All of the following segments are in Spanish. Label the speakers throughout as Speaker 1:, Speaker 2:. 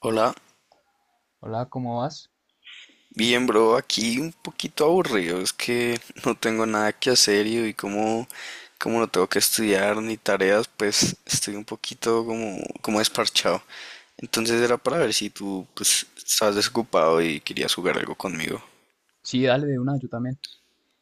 Speaker 1: Hola,
Speaker 2: Hola, ¿cómo vas?
Speaker 1: bien bro, aquí un poquito aburrido, es que no tengo nada que hacer y hoy como no tengo que estudiar ni tareas, pues estoy un poquito como desparchado. Entonces era para ver si tú pues estabas desocupado y querías jugar algo conmigo.
Speaker 2: Sí, dale de una, yo también.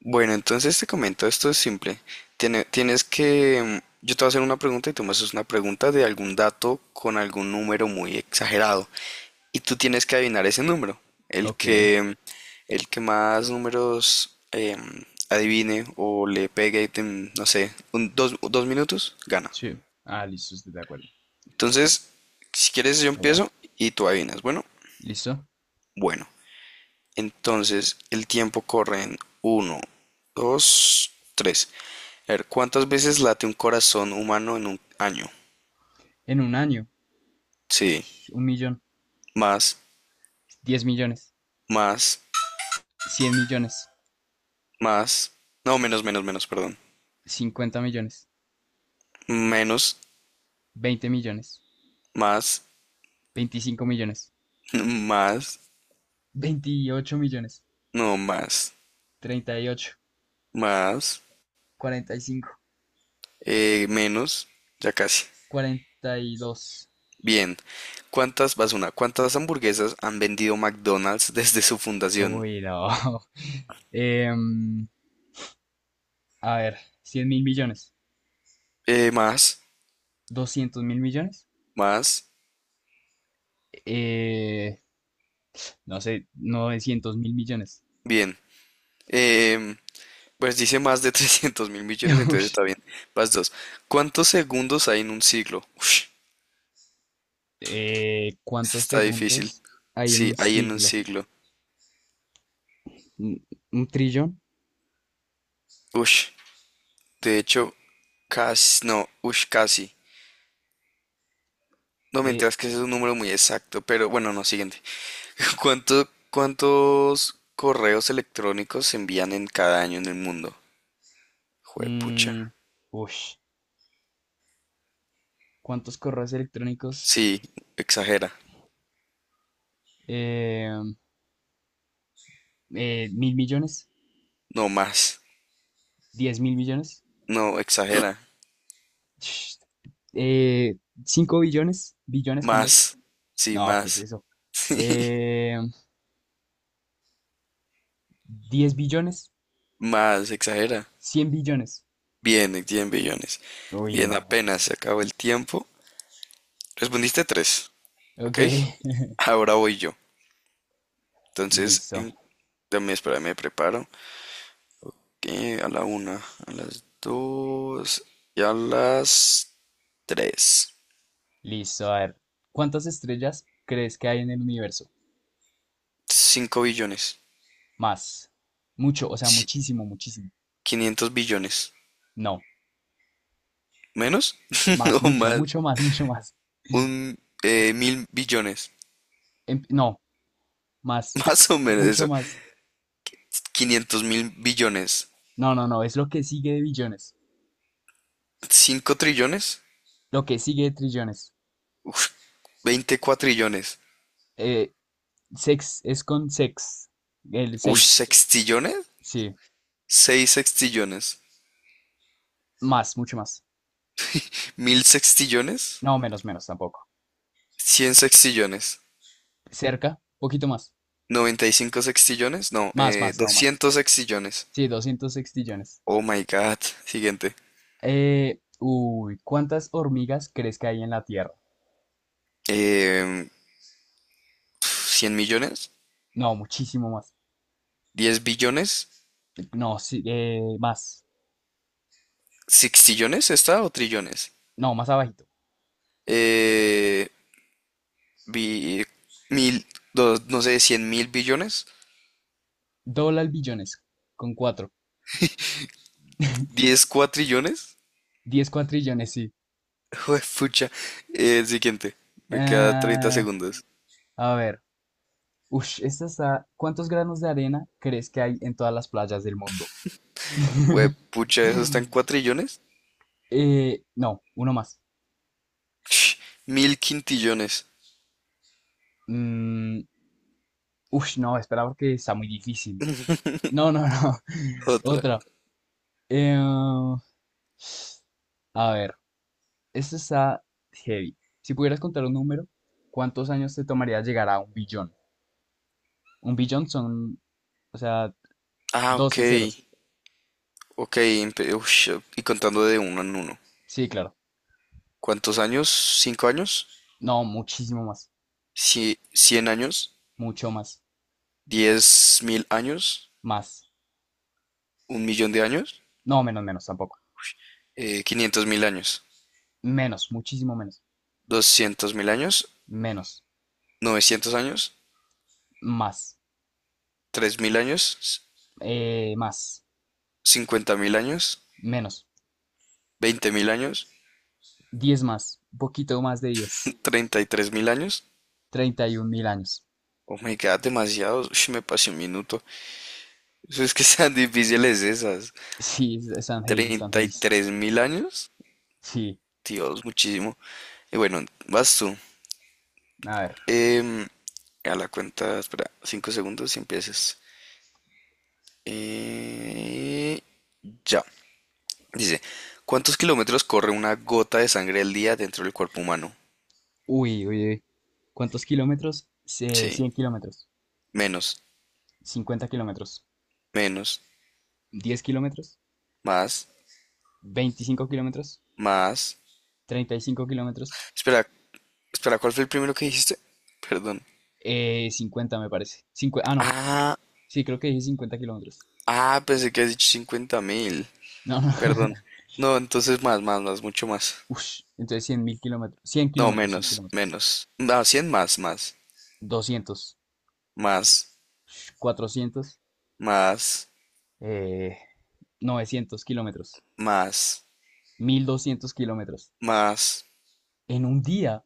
Speaker 1: Bueno, entonces te comento, esto es simple. Tienes que, yo te voy a hacer una pregunta y tú me haces una pregunta de algún dato con algún número muy exagerado. Y tú tienes que adivinar ese número. El
Speaker 2: Ok,
Speaker 1: que, el que más números adivine o le pegue, en, no sé, dos minutos, gana.
Speaker 2: sí. Ah, listo, estoy de acuerdo.
Speaker 1: Entonces, si quieres, yo
Speaker 2: Eso va.
Speaker 1: empiezo y tú adivinas. Bueno,
Speaker 2: ¿Listo?
Speaker 1: bueno. Entonces, el tiempo corre en uno, dos, tres. A ver, ¿cuántas veces late un corazón humano en un año?
Speaker 2: En un año,
Speaker 1: Sí,
Speaker 2: un millón,
Speaker 1: más,
Speaker 2: 10 millones,
Speaker 1: más,
Speaker 2: 100 millones,
Speaker 1: más. No, menos, menos, menos, perdón.
Speaker 2: 50 millones,
Speaker 1: Menos,
Speaker 2: 20 millones,
Speaker 1: más,
Speaker 2: 25 millones,
Speaker 1: más,
Speaker 2: 28 millones,
Speaker 1: no, más.
Speaker 2: treinta y ocho,
Speaker 1: Más.
Speaker 2: 45,
Speaker 1: Menos. Ya casi.
Speaker 2: 42.
Speaker 1: Bien. ¿Cuántas, vas una, cuántas hamburguesas han vendido McDonald's desde su fundación?
Speaker 2: Uy, no. Em, a ver, 100.000 millones,
Speaker 1: Más.
Speaker 2: 200.000 millones,
Speaker 1: Más.
Speaker 2: eh, no sé, 900 mil millones.
Speaker 1: Bien. Em, pues dice más de 300,000 millones, entonces está bien. Vas dos. ¿Cuántos segundos hay en un siglo? Ush,
Speaker 2: ¿Cuántos
Speaker 1: está difícil.
Speaker 2: segundos hay en
Speaker 1: Sí,
Speaker 2: un
Speaker 1: hay en un
Speaker 2: siglo?
Speaker 1: siglo.
Speaker 2: ¿Un, un trillón?
Speaker 1: Ush, de hecho, casi, no, ush, casi. No,
Speaker 2: Eh,
Speaker 1: mentiras que ese es un número muy exacto, pero bueno, no, siguiente. ¿ cuántos correos electrónicos se envían en cada año en el mundo? Juepucha.
Speaker 2: mm, ush. ¿Cuántos correos electrónicos?
Speaker 1: Sí, exagera.
Speaker 2: Eh, ¿mil millones?
Speaker 1: No, más.
Speaker 2: ¿10.000 millones?
Speaker 1: No, exagera.
Speaker 2: Sh. Eh, ¿cinco billones? ¿Billones con B?
Speaker 1: Más. Sí,
Speaker 2: No, ¿qué es
Speaker 1: más.
Speaker 2: eso? Eh, ¿diez billones?
Speaker 1: Más, exagera.
Speaker 2: ¿100 billones?
Speaker 1: Bien, 10 billones.
Speaker 2: Uy,
Speaker 1: Bien,
Speaker 2: no.
Speaker 1: apenas se acabó el tiempo. Respondiste tres,
Speaker 2: Ok,
Speaker 1: ¿ok? Ahora voy yo. Entonces,
Speaker 2: listo,
Speaker 1: en, dame, espera, me preparo. Que a la una, a las dos y a las tres.
Speaker 2: listo. A ver, ¿cuántas estrellas crees que hay en el universo?
Speaker 1: 5 billones.
Speaker 2: Más. Mucho, o sea,
Speaker 1: Sí,
Speaker 2: muchísimo, muchísimo.
Speaker 1: 500 billones.
Speaker 2: No.
Speaker 1: ¿Menos?
Speaker 2: Más,
Speaker 1: No,
Speaker 2: mucho,
Speaker 1: más.
Speaker 2: mucho más, mucho más.
Speaker 1: Un mil billones.
Speaker 2: No, más.
Speaker 1: Más o menos
Speaker 2: Mucho
Speaker 1: eso.
Speaker 2: más.
Speaker 1: 500 mil billones.
Speaker 2: No, no, no. Es lo que sigue de billones.
Speaker 1: Cinco trillones.
Speaker 2: Lo que sigue de trillones.
Speaker 1: Veinte cuatrillones.
Speaker 2: Eh, sex, es con sex. El
Speaker 1: Ush,
Speaker 2: seis.
Speaker 1: sextillones.
Speaker 2: Sí.
Speaker 1: Seis sextillones.
Speaker 2: Más, mucho más.
Speaker 1: Mil sextillones.
Speaker 2: No, menos, menos tampoco.
Speaker 1: Cien sextillones.
Speaker 2: Cerca, poquito más.
Speaker 1: Noventa y cinco sextillones. No,
Speaker 2: Más, más, no más.
Speaker 1: 200 sextillones.
Speaker 2: Sí, 200 sextillones.
Speaker 1: Oh my God. Siguiente.
Speaker 2: Uy, ¿cuántas hormigas crees que hay en la Tierra?
Speaker 1: Eh, 100 millones.
Speaker 2: No, muchísimo más.
Speaker 1: Diez billones.
Speaker 2: No, sí, más.
Speaker 1: ¿Sextillones está o trillones?
Speaker 2: No, más abajito.
Speaker 1: eh, bi- Mil, no sé, cien mil billones,
Speaker 2: Dólar billones con cuatro.
Speaker 1: diez cuatrillones.
Speaker 2: 10 cuatrillones, sí.
Speaker 1: Juepucha. El siguiente, me queda 30
Speaker 2: Ah,
Speaker 1: segundos.
Speaker 2: a ver. Ush, esta está. ¿Cuántos granos de arena crees que hay en todas las playas del mundo?
Speaker 1: Juepucha, ¿eso está en cuatrillones?
Speaker 2: No, uno más.
Speaker 1: Ch, mil quintillones.
Speaker 2: Mm, ush, no, espera porque está muy difícil. No, no, no.
Speaker 1: Otra.
Speaker 2: Otra. Eh, a ver, esta está heavy. Si pudieras contar un número, ¿cuántos años te tomaría llegar a un billón? Un billón son, o sea,
Speaker 1: Ah, ok.
Speaker 2: 12 ceros.
Speaker 1: Ok, ush, y contando de uno en uno.
Speaker 2: Sí, claro.
Speaker 1: ¿Cuántos años? ¿Cinco años?
Speaker 2: No, muchísimo más.
Speaker 1: ¿100 años?
Speaker 2: Mucho más.
Speaker 1: ¿10,000 años?
Speaker 2: Más.
Speaker 1: ¿Un millón de años?
Speaker 2: No, menos, menos tampoco.
Speaker 1: ¿500,000 años?
Speaker 2: Menos, muchísimo menos.
Speaker 1: ¿200,000 años?
Speaker 2: Menos.
Speaker 1: 900 años,
Speaker 2: Más.
Speaker 1: 3,000 años,
Speaker 2: Más.
Speaker 1: 50,000 años,
Speaker 2: Menos.
Speaker 1: 20,000 años,
Speaker 2: Diez más. Un poquito más de diez
Speaker 1: 33,000 años.
Speaker 2: 31.000 años.
Speaker 1: Oh my god, demasiados. Ush, me pasé un minuto. Eso es que sean difíciles esas.
Speaker 2: Sí, están heavy, están
Speaker 1: treinta y
Speaker 2: heavy.
Speaker 1: tres mil años.
Speaker 2: Sí.
Speaker 1: Dios, muchísimo. Y bueno, vas tú.
Speaker 2: A ver.
Speaker 1: Em, a la cuenta, espera, 5 segundos y empiezas. Eh, ya. Dice, ¿cuántos kilómetros corre una gota de sangre al día dentro del cuerpo humano?
Speaker 2: Uy, uy, uy. ¿Cuántos kilómetros?
Speaker 1: Sí,
Speaker 2: 100 kilómetros.
Speaker 1: menos,
Speaker 2: 50 kilómetros.
Speaker 1: menos,
Speaker 2: 10 kilómetros.
Speaker 1: más,
Speaker 2: 25 kilómetros.
Speaker 1: más.
Speaker 2: Treinta y cinco kilómetros.
Speaker 1: Espera, espera, ¿cuál fue el primero que dijiste? Perdón.
Speaker 2: 50 me parece. Ah, no.
Speaker 1: Ah,
Speaker 2: Sí, creo que dije 50 kilómetros.
Speaker 1: ah, pensé que has dicho 50,000.
Speaker 2: No, no.
Speaker 1: Perdón. No, entonces más, más, más, mucho más.
Speaker 2: Ush, entonces 100.000 kilómetros. cien
Speaker 1: No,
Speaker 2: kilómetros, 100
Speaker 1: menos,
Speaker 2: kilómetros.
Speaker 1: menos. No, cien más, más,
Speaker 2: Doscientos,
Speaker 1: más,
Speaker 2: ush, 400,
Speaker 1: más,
Speaker 2: eh, 900 kilómetros.
Speaker 1: más,
Speaker 2: 1200 kilómetros.
Speaker 1: más.
Speaker 2: En un día,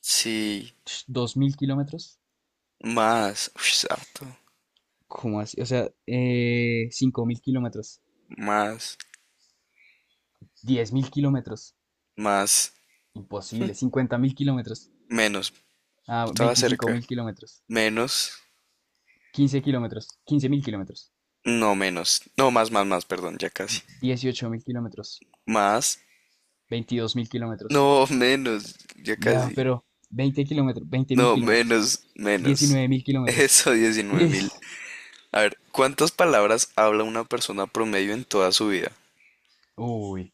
Speaker 1: Sí,
Speaker 2: ush, 2000 kilómetros.
Speaker 1: más. Uy, es harto.
Speaker 2: ¿Cómo así? O sea, 5000 kilómetros.
Speaker 1: Más,
Speaker 2: 10.000 kilómetros.
Speaker 1: más,
Speaker 2: Imposible. 50.000 kilómetros.
Speaker 1: menos.
Speaker 2: Ah,
Speaker 1: Estaba
Speaker 2: veinticinco
Speaker 1: cerca.
Speaker 2: mil kilómetros.
Speaker 1: Menos.
Speaker 2: 15 kilómetros. 15.000 kilómetros.
Speaker 1: No, menos. No, más, más, más, perdón, ya casi.
Speaker 2: 18.000 kilómetros.
Speaker 1: Más.
Speaker 2: 22.000 kilómetros.
Speaker 1: No, menos. Ya
Speaker 2: No,
Speaker 1: casi.
Speaker 2: pero 20 kilómetros, veinte mil
Speaker 1: No,
Speaker 2: kilómetros,
Speaker 1: menos, menos.
Speaker 2: diecinueve mil kilómetros.
Speaker 1: Eso, 19,000.
Speaker 2: Ish,
Speaker 1: A ver, ¿cuántas palabras habla una persona promedio en toda su vida?
Speaker 2: uy,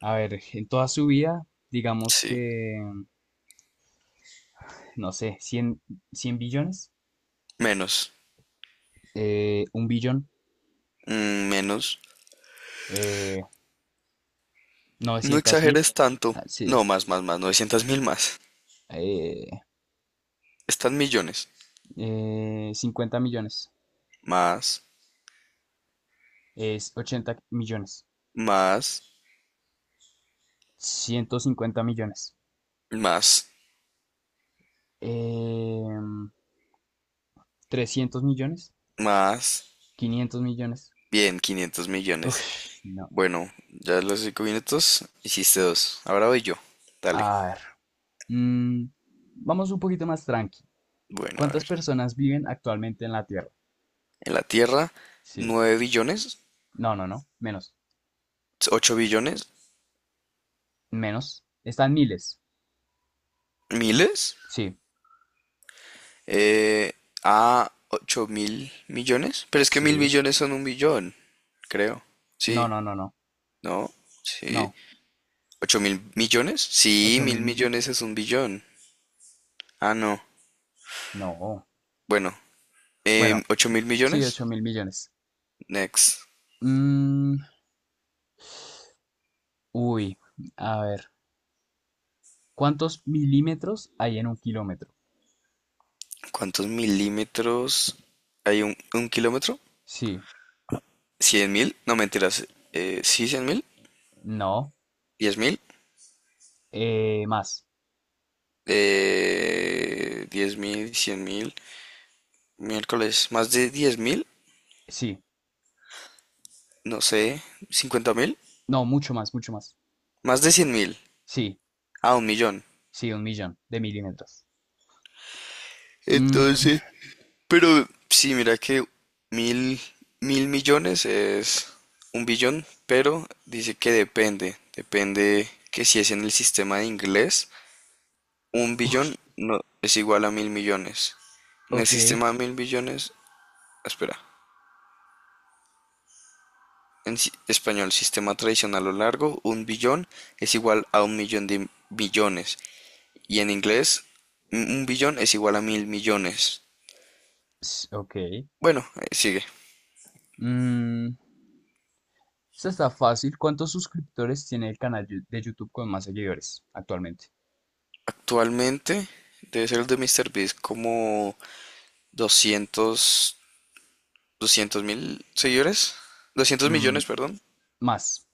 Speaker 2: a ver, en toda su vida, digamos
Speaker 1: Sí,
Speaker 2: que, no sé, 100, 100 billones,
Speaker 1: menos,
Speaker 2: un billón,
Speaker 1: mm, menos.
Speaker 2: eh,
Speaker 1: No
Speaker 2: 900 mil,
Speaker 1: exageres tanto.
Speaker 2: ah, sí,
Speaker 1: No, más, más, más, 900 mil más.
Speaker 2: eh,
Speaker 1: Están millones.
Speaker 2: 50 millones,
Speaker 1: Más,
Speaker 2: es 80 millones,
Speaker 1: más,
Speaker 2: 150 millones,
Speaker 1: más,
Speaker 2: eh, 300 millones,
Speaker 1: más.
Speaker 2: 500 millones.
Speaker 1: Bien, 500 millones.
Speaker 2: Uf, no.
Speaker 1: Bueno, ya los 5 minutos hiciste dos. Ahora voy yo. Dale.
Speaker 2: A ver. Mm, vamos un poquito más tranqui.
Speaker 1: Bueno, a
Speaker 2: ¿Cuántas
Speaker 1: ver.
Speaker 2: personas viven actualmente en la Tierra?
Speaker 1: En la Tierra,
Speaker 2: Sí.
Speaker 1: 9 billones,
Speaker 2: No, no, no. Menos.
Speaker 1: 8 billones,
Speaker 2: Menos. Están miles.
Speaker 1: miles.
Speaker 2: Sí.
Speaker 1: eh, a 8,000 millones. Pero es que mil
Speaker 2: Sí.
Speaker 1: millones son un billón, creo.
Speaker 2: No,
Speaker 1: Sí,
Speaker 2: no, no, no.
Speaker 1: ¿no? Sí.
Speaker 2: No.
Speaker 1: ¿8,000 millones? Sí,
Speaker 2: Ocho mil
Speaker 1: mil
Speaker 2: millones.
Speaker 1: millones es un billón. Ah, no.
Speaker 2: No.
Speaker 1: Bueno,
Speaker 2: Bueno,
Speaker 1: 8 mil
Speaker 2: sí,
Speaker 1: millones.
Speaker 2: 8000 millones.
Speaker 1: Next.
Speaker 2: Mm, uy. A ver. ¿Cuántos milímetros hay en un kilómetro?
Speaker 1: ¿Cuántos milímetros hay un kilómetro?
Speaker 2: Sí.
Speaker 1: ¿Cien mil? No, mentiras. ¿Sí, 100,000?
Speaker 2: No.
Speaker 1: ¿10,000?
Speaker 2: Más.
Speaker 1: 10 mil, 100,000. Miércoles, más de 10,000.
Speaker 2: Sí.
Speaker 1: No sé, 50,000.
Speaker 2: No, mucho más, mucho más.
Speaker 1: Más de 100,000.
Speaker 2: Sí.
Speaker 1: Ah, un millón.
Speaker 2: Sí, un millón de milímetros. Mm,
Speaker 1: Entonces, pero sí, mira que mil, mil millones es un billón, pero dice que depende. Depende que si es en el sistema de inglés, un billón
Speaker 2: ush,
Speaker 1: no es igual a mil millones. En el
Speaker 2: ok.
Speaker 1: sistema de mil billones, espera, en español, sistema tradicional o largo, un billón es igual a un millón de millones. Y en inglés, un billón es igual a mil millones.
Speaker 2: Ok.
Speaker 1: Bueno, sigue.
Speaker 2: Mm, esta está fácil. ¿Cuántos suscriptores tiene el canal de YouTube con más seguidores actualmente?
Speaker 1: Actualmente debe ser el de MrBeast como 200 200 mil seguidores. doscientos
Speaker 2: Mm,
Speaker 1: millones, perdón.
Speaker 2: más.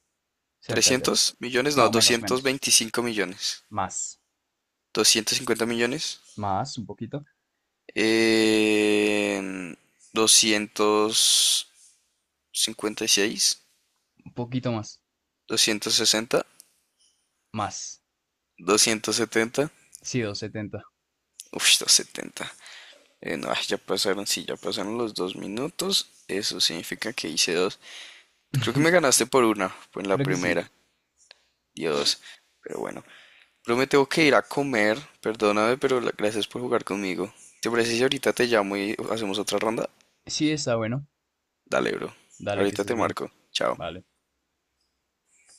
Speaker 2: Cerca, cerca.
Speaker 1: 300 millones, no,
Speaker 2: No, menos,
Speaker 1: doscientos
Speaker 2: menos.
Speaker 1: veinticinco millones.
Speaker 2: Más.
Speaker 1: 250 millones.
Speaker 2: Más, un poquito.
Speaker 1: Eh, 256,
Speaker 2: Un poquito más.
Speaker 1: 260,
Speaker 2: Más.
Speaker 1: 270.
Speaker 2: Sí, 270.
Speaker 1: Uf, 270. No, ya pasaron, sí, ya pasaron los 2 minutos. Eso significa que hice dos. Creo que me ganaste por una, pues en la
Speaker 2: Creo que sí.
Speaker 1: primera. Dios. Pero bueno, pero me tengo que ir a comer, perdóname, pero gracias por jugar conmigo. Si ¿Te parece si ahorita te llamo y hacemos otra ronda?
Speaker 2: Sí, está bueno.
Speaker 1: Dale, bro.
Speaker 2: Dale, que
Speaker 1: Ahorita
Speaker 2: estés
Speaker 1: te
Speaker 2: bien.
Speaker 1: marco. Chao.
Speaker 2: Vale.